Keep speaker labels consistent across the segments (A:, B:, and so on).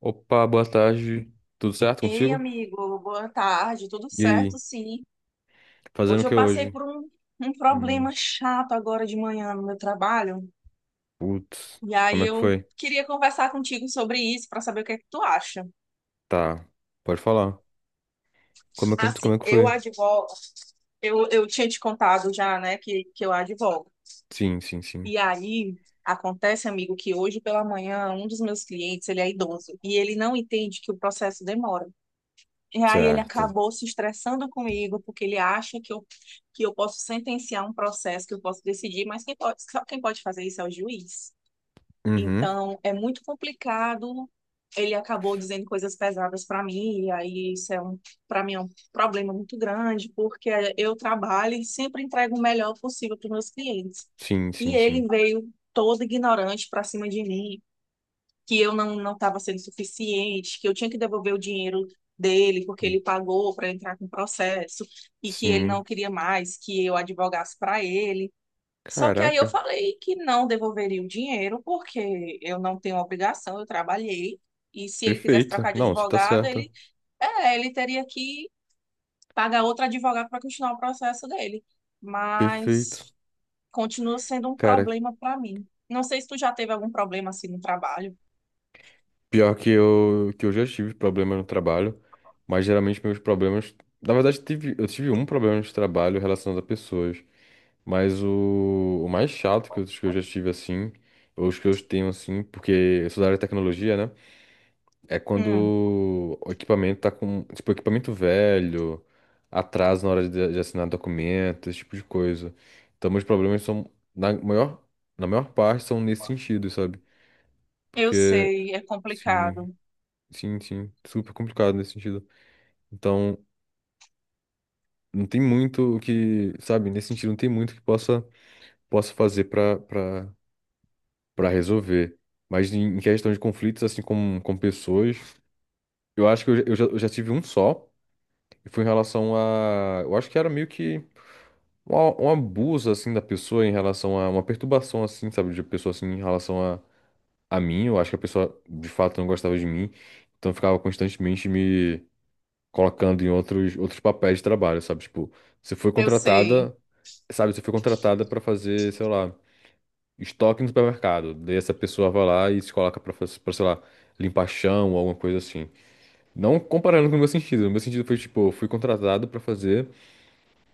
A: Opa, boa tarde. Tudo certo
B: Ei,
A: contigo?
B: amigo, boa tarde, tudo
A: E aí,
B: certo? Sim.
A: fazendo o
B: Hoje eu
A: que
B: passei
A: hoje?
B: por um
A: Hum,
B: problema chato agora de manhã no meu trabalho,
A: putz,
B: e aí
A: como é que
B: eu
A: foi?
B: queria conversar contigo sobre isso para saber o que é que tu acha.
A: Tá, pode falar. Como é que,
B: Assim,
A: como é que
B: eu
A: foi?
B: advogo, eu tinha te contado já, né, que eu advogo.
A: Sim, sim, sim.
B: E aí acontece, amigo, que hoje pela manhã um dos meus clientes, ele é idoso, e ele não entende que o processo demora. E aí ele
A: Certo.
B: acabou se estressando comigo, porque ele acha que eu posso sentenciar um processo, que eu posso decidir, mas quem pode, só quem pode fazer isso é o juiz.
A: Uhum.
B: Então, é muito complicado. Ele acabou dizendo coisas pesadas para mim, e aí para mim é um problema muito grande, porque eu trabalho e sempre entrego o melhor possível para os meus clientes.
A: Sim,
B: E
A: sim, sim.
B: ele veio todo ignorante para cima de mim, que eu não estava sendo suficiente, que eu tinha que devolver o dinheiro dele porque ele pagou para entrar com o processo e que ele não
A: Sim.
B: queria mais que eu advogasse para ele. Só que aí eu
A: Caraca,
B: falei que não devolveria o dinheiro porque eu não tenho obrigação, eu trabalhei. E se ele quisesse
A: perfeito.
B: trocar de
A: Não, você tá
B: advogado,
A: certa.
B: ele teria que pagar outro advogado para continuar o processo dele.
A: Perfeito.
B: Mas continua sendo um
A: Cara,
B: problema para mim. Não sei se tu já teve algum problema assim no trabalho.
A: pior que eu já tive problema no trabalho, mas geralmente meus problemas. Na verdade, tive, eu tive um problema de trabalho relacionado a pessoas. Mas o mais chato que eu já tive assim, ou os que eu tenho assim, porque eu sou da área de tecnologia, né? É quando
B: Hum.
A: o equipamento tá com, tipo, equipamento velho, atraso na hora de assinar documento, esse tipo de coisa. Então, meus problemas são, na maior parte, são nesse sentido, sabe?
B: Eu
A: Porque,
B: sei, é
A: sim,
B: complicado.
A: sim, sim, super complicado nesse sentido. Então, não tem muito o que, sabe? Nesse sentido, não tem muito que possa fazer pra para resolver. Mas em questão de conflitos, assim, com pessoas, eu acho que eu já tive um só, e foi em relação a. Eu acho que era meio que um abuso, assim, da pessoa em relação a uma perturbação, assim, sabe, de pessoa, assim, em relação a mim. Eu acho que a pessoa, de fato, não gostava de mim, então ficava constantemente me colocando em outros, outros papéis de trabalho, sabe? Tipo, você foi
B: Eu sei.
A: contratada, sabe, você foi contratada para fazer, sei lá, estoque no supermercado. Daí essa pessoa vai lá e se coloca pra, pra, sei lá, limpar chão ou alguma coisa assim. Não comparando com o meu sentido. O meu sentido foi, tipo, eu fui contratado pra fazer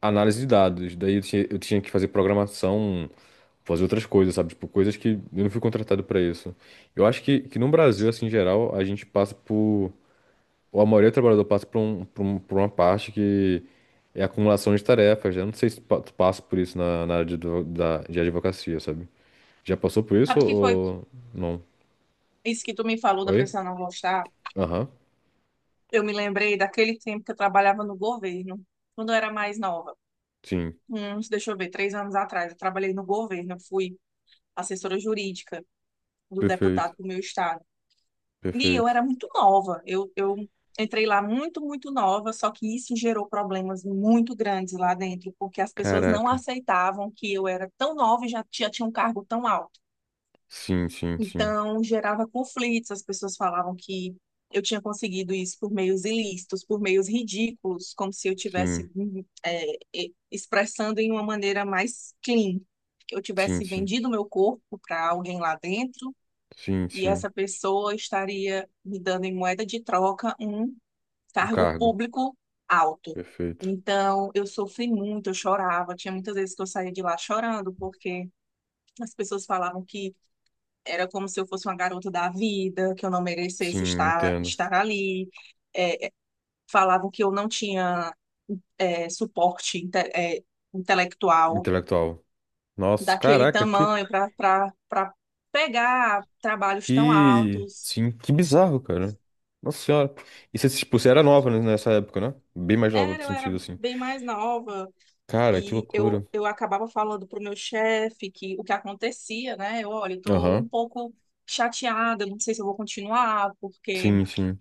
A: análise de dados. Daí eu tinha que fazer programação, fazer outras coisas, sabe? Tipo, coisas que eu não fui contratado pra isso. Eu acho que no Brasil, assim, em geral, a gente passa por... Ou a maioria do trabalhador passa por uma parte que é acumulação de tarefas, né? Eu não sei se tu passa por isso na, na área de, de advocacia, sabe? Já passou por isso
B: Sabe o que foi
A: ou não?
B: isso que tu me falou da
A: Oi?
B: pessoa não gostar?
A: Aham.
B: Eu me lembrei daquele tempo que eu trabalhava no governo, quando eu era mais nova.
A: Sim.
B: Uns, deixa eu ver, três anos atrás, eu trabalhei no governo, eu fui assessora jurídica do deputado
A: Perfeito.
B: do meu estado. E eu
A: Perfeito.
B: era muito nova. Eu entrei lá muito, muito nova, só que isso gerou problemas muito grandes lá dentro, porque as pessoas não
A: Caraca.
B: aceitavam que eu era tão nova e já tinha um cargo tão alto.
A: Sim, sim, sim.
B: Então, gerava conflitos, as pessoas falavam que eu tinha conseguido isso por meios ilícitos, por meios ridículos, como se eu tivesse
A: Sim,
B: expressando em uma maneira mais clean, que eu
A: sim,
B: tivesse
A: sim.
B: vendido meu corpo para alguém lá dentro
A: Sim,
B: e
A: sim.
B: essa pessoa estaria me dando em moeda de troca um
A: O
B: cargo
A: cargo.
B: público alto.
A: Perfeito.
B: Então, eu sofri muito, eu chorava. Tinha muitas vezes que eu saía de lá chorando, porque as pessoas falavam que era como se eu fosse uma garota da vida, que eu não merecesse
A: Sim,
B: estar,
A: entendo.
B: estar ali. Falavam que eu não tinha é, suporte inte- é, intelectual
A: Intelectual. Nossa,
B: daquele
A: caraca,
B: tamanho para para pegar trabalhos tão
A: que,
B: altos.
A: sim, que bizarro, cara. Nossa senhora. E você, tipo, você era nova, né, nessa época, né? Bem mais nova, no
B: Era, eu era
A: sentido assim.
B: bem mais nova
A: Cara, que
B: e eu,
A: loucura.
B: eu acabava falando para o meu chefe que o que acontecia, né? Eu, olha, estou um
A: Aham.
B: pouco chateada, não sei se eu vou continuar, porque
A: Sim, sim.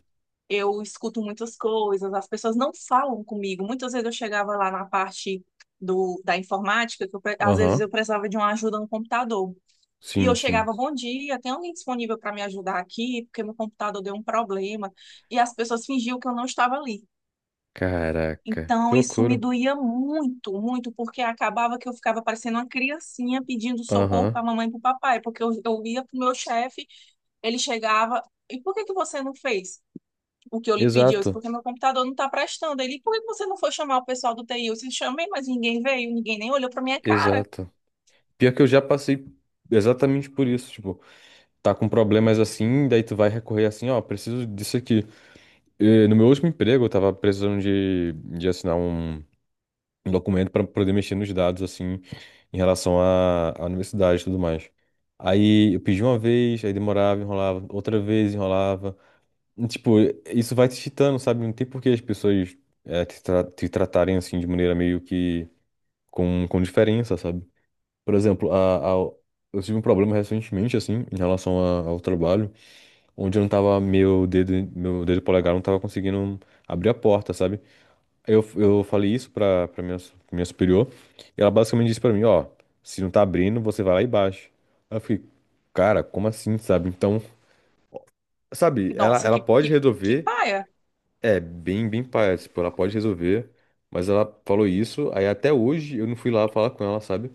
B: eu escuto muitas coisas, as pessoas não falam comigo. Muitas vezes eu chegava lá na parte do, da informática, que eu pre- às vezes eu
A: Aham.
B: precisava de uma ajuda no computador. E eu
A: Sim, sim.
B: chegava, bom dia, tem alguém disponível para me ajudar aqui? Porque meu computador deu um problema. E as pessoas fingiam que eu não estava ali.
A: Caraca, que
B: Então, isso me
A: loucura.
B: doía muito, muito, porque acabava que eu ficava parecendo uma criancinha pedindo socorro
A: Aham.
B: para a mamãe e para o papai, porque eu ia para o meu chefe, ele chegava, e por que que você não fez o que eu lhe pedi? Eu disse,
A: Exato,
B: porque meu computador não está prestando. Ele, por que você não foi chamar o pessoal do TI? Eu disse, chamei, mas ninguém veio, ninguém nem olhou para minha cara.
A: exato. Pior que eu já passei exatamente por isso, tipo, tá com problemas assim, daí tu vai recorrer assim, ó, preciso disso aqui. No meu último emprego, eu tava precisando de assinar um, um documento pra poder mexer nos dados, assim, em relação à, à universidade e tudo mais. Aí eu pedi uma vez, aí demorava, enrolava, outra vez enrolava. E, tipo, isso vai te chitando, sabe? Não tem por que as pessoas te tratarem assim de maneira meio que com diferença, sabe? Por exemplo, eu tive um problema recentemente, assim, em relação ao trabalho, onde eu não tava, meu dedo polegar não tava conseguindo abrir a porta, sabe? Aí eu falei isso pra minha, minha superior, e ela basicamente disse pra mim, ó, se não tá abrindo, você vai lá e baixa. Aí eu fiquei, cara, como assim, sabe? Então, sabe, ela,
B: Nossa,
A: ela
B: que,
A: pode
B: que, que
A: resolver,
B: paia.
A: é, bem paia, tipo, ela pode resolver, mas ela falou isso, aí até hoje eu não fui lá falar com ela, sabe?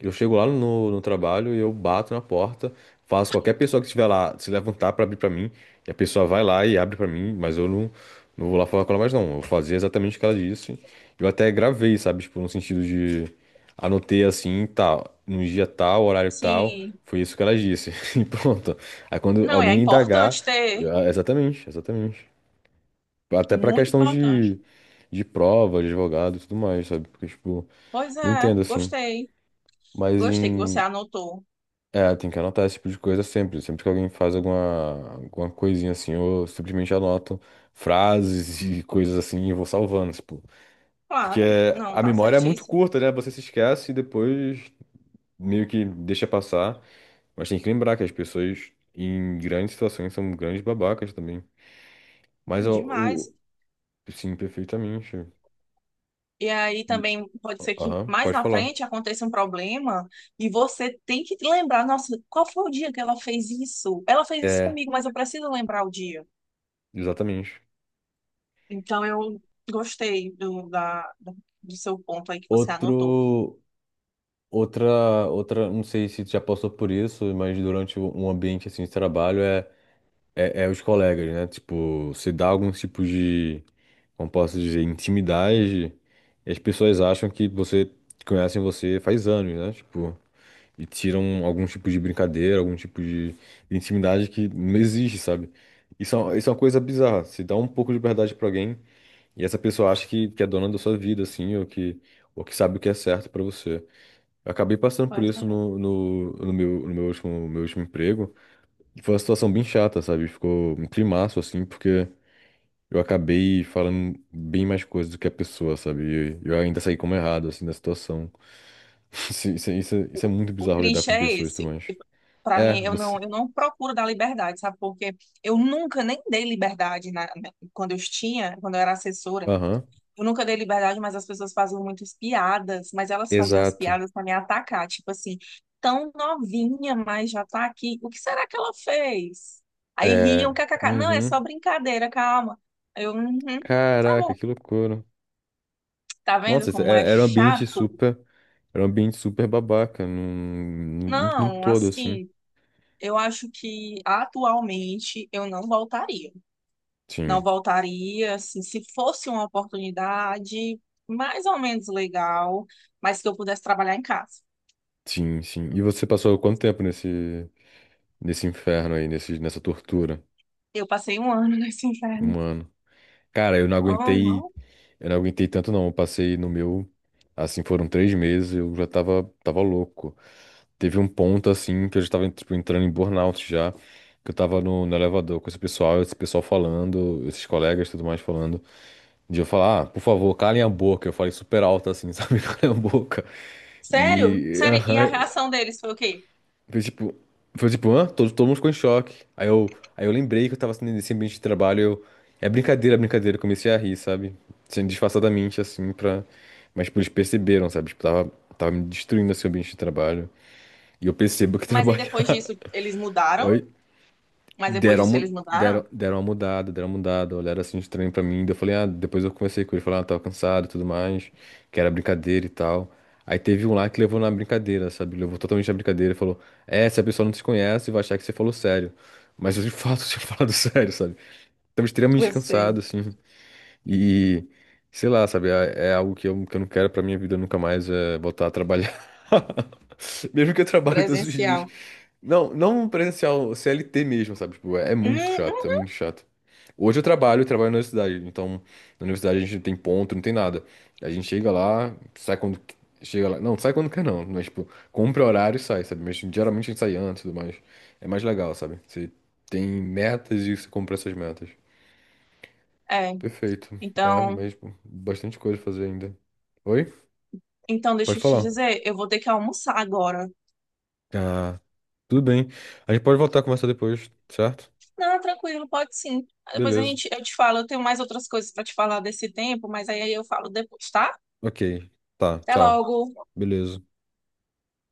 A: Eu chego lá no trabalho e eu bato na porta, faço qualquer pessoa que estiver lá se levantar para abrir para mim, e a pessoa vai lá e abre para mim, mas eu não, não vou lá falar com ela mais não. Eu fazia exatamente o que ela disse. Eu até gravei, sabe, tipo, no sentido de anotei assim, tal, num dia tal, horário tal,
B: Sim,
A: foi isso que ela disse. E pronto. Aí quando
B: não, é
A: alguém indagar,
B: importante ter,
A: ah, exatamente, exatamente. Até para
B: muito
A: questão
B: importante.
A: de prova, de advogado e tudo mais, sabe? Porque tipo,
B: Pois
A: não
B: é,
A: entendo assim.
B: gostei,
A: Mas
B: gostei que você
A: em,
B: anotou.
A: é, tem que anotar esse tipo de coisa sempre. Sempre que alguém faz alguma, alguma coisinha assim, eu simplesmente anoto frases e coisas assim e vou salvando, tipo. Porque
B: Claro, não,
A: a
B: tá
A: memória é muito
B: certíssimo.
A: curta, né? Você se esquece e depois meio que deixa passar. Mas tem que lembrar que as pessoas em grandes situações são grandes babacas também. Mas
B: Não, demais.
A: o. Sim, perfeitamente.
B: E aí
A: E.
B: também pode ser que
A: Aham,
B: mais
A: pode
B: na
A: falar.
B: frente aconteça um problema e você tem que lembrar, nossa, qual foi o dia que ela fez isso? Ela fez isso
A: É,
B: comigo, mas eu preciso lembrar o dia.
A: exatamente.
B: Então, eu gostei do seu ponto aí que você anotou.
A: Outro. Outra, outra, não sei se tu já passou por isso, mas durante um ambiente assim de trabalho é os colegas, né? Tipo, se dá algum tipo de, como posso dizer, intimidade, e as pessoas acham que você conhecem você faz anos, né? Tipo, e tiram algum tipo de brincadeira, algum tipo de intimidade que não existe, sabe? Isso é, isso é uma coisa bizarra. Se dá um pouco de verdade pra alguém e essa pessoa acha que é dona da sua vida, assim, ou que sabe o que é certo pra você. Eu acabei passando por
B: Pois
A: isso
B: é.
A: no meu último emprego. E foi uma situação bem chata, sabe? Ficou um climaço, assim, porque eu acabei falando bem mais coisas do que a pessoa, sabe? E eu ainda saí como errado, assim, da situação. Isso é
B: O,
A: muito
B: o
A: bizarro lidar
B: triste
A: com
B: é
A: pessoas
B: esse.
A: também.
B: Para
A: É,
B: mim,
A: você.
B: eu não procuro dar liberdade, sabe? Porque eu nunca nem dei liberdade quando eu tinha, quando eu era assessora.
A: Aham.
B: Eu nunca dei liberdade, mas as pessoas faziam muitas piadas, mas elas faziam as
A: Exato.
B: piadas para me atacar. Tipo assim, tão novinha, mas já tá aqui. O que será que ela fez? Aí riam,
A: É.
B: kkk. Não, é só
A: Uhum.
B: brincadeira, calma. Aí eu, uhum, tá bom.
A: Caraca, que loucura.
B: Tá vendo
A: Nossa, isso
B: como
A: era
B: é
A: era um ambiente
B: chato?
A: super. Era um ambiente super babaca, num
B: Não,
A: todo, assim.
B: assim, eu acho que atualmente eu não voltaria. Não
A: Sim.
B: voltaria, assim, se fosse uma oportunidade mais ou menos legal, mas que eu pudesse trabalhar em casa.
A: Sim, sim. E você passou quanto tempo nesse, nesse inferno aí, nesse, nessa tortura?
B: Eu passei um ano nesse inferno.
A: Um ano. Cara,
B: Oh, não.
A: eu não aguentei tanto não. Eu passei no meu, assim, foram 3 meses, eu já tava, tava louco. Teve um ponto, assim, que eu já tava, tipo, entrando em burnout já, que eu tava no elevador com esse pessoal falando, esses colegas e tudo mais falando, de eu falar, ah, por favor, calem a boca. Eu falei super alto, assim, sabe? Calem a boca.
B: Sério?
A: E,
B: Sério? E a
A: aham,
B: reação deles foi o quê?
A: Foi tipo, foi tipo, hã? Todo mundo ficou em choque. Aí eu lembrei que eu tava assim, nesse ambiente de trabalho. Eu, é brincadeira, é brincadeira. Eu comecei a rir, sabe? Sendo disfarçadamente, assim, pra. Mas, tipo, eles perceberam, sabe? Tipo, tava me destruindo esse ambiente de trabalho. E eu percebo que
B: Mas aí depois
A: trabalhar.
B: disso eles mudaram?
A: Oi?
B: Mas depois
A: Deram,
B: disso eles
A: deram,
B: mudaram?
A: deram uma mudada, olharam assim estranho pra mim. Daí eu falei, ah, depois eu conversei com ele, falei, ah, tava cansado e tudo mais, que era brincadeira e tal. Aí teve um lá que levou na brincadeira, sabe? Levou totalmente na brincadeira e falou, é, essa pessoa não te conhece, vai achar que você falou sério. Mas eu de fato tinha falado sério, sabe? Tava extremamente
B: Eu
A: cansado,
B: sei,
A: assim. E, sei lá, sabe, é algo que eu não quero pra minha vida nunca mais, é voltar a trabalhar. Mesmo que eu trabalhe todos os dias.
B: presencial.
A: Não, não presencial, CLT mesmo, sabe? Tipo, é
B: Hum,
A: muito chato, é
B: hum.
A: muito chato. Hoje eu trabalho na universidade, então na universidade a gente não tem ponto, não tem nada. A gente chega lá, sai chega lá, não, sai quando quer não, mas tipo, compra horário e sai, sabe? Mas geralmente a gente sai antes e tudo mais. É mais legal, sabe? Você tem metas e você compra essas metas.
B: É,
A: Perfeito. É
B: então.
A: mesmo. Bastante coisa a fazer ainda. Oi?
B: Então,
A: Pode
B: deixa eu te
A: falar.
B: dizer, eu vou ter que almoçar agora.
A: Ah, tudo bem. A gente pode voltar a conversar depois, certo?
B: Não, tranquilo, pode sim. Depois a
A: Beleza.
B: gente, eu te falo, eu tenho mais outras coisas para te falar desse tempo, mas aí eu falo depois, tá?
A: Ok. Tá,
B: Até
A: tchau.
B: logo.
A: Beleza.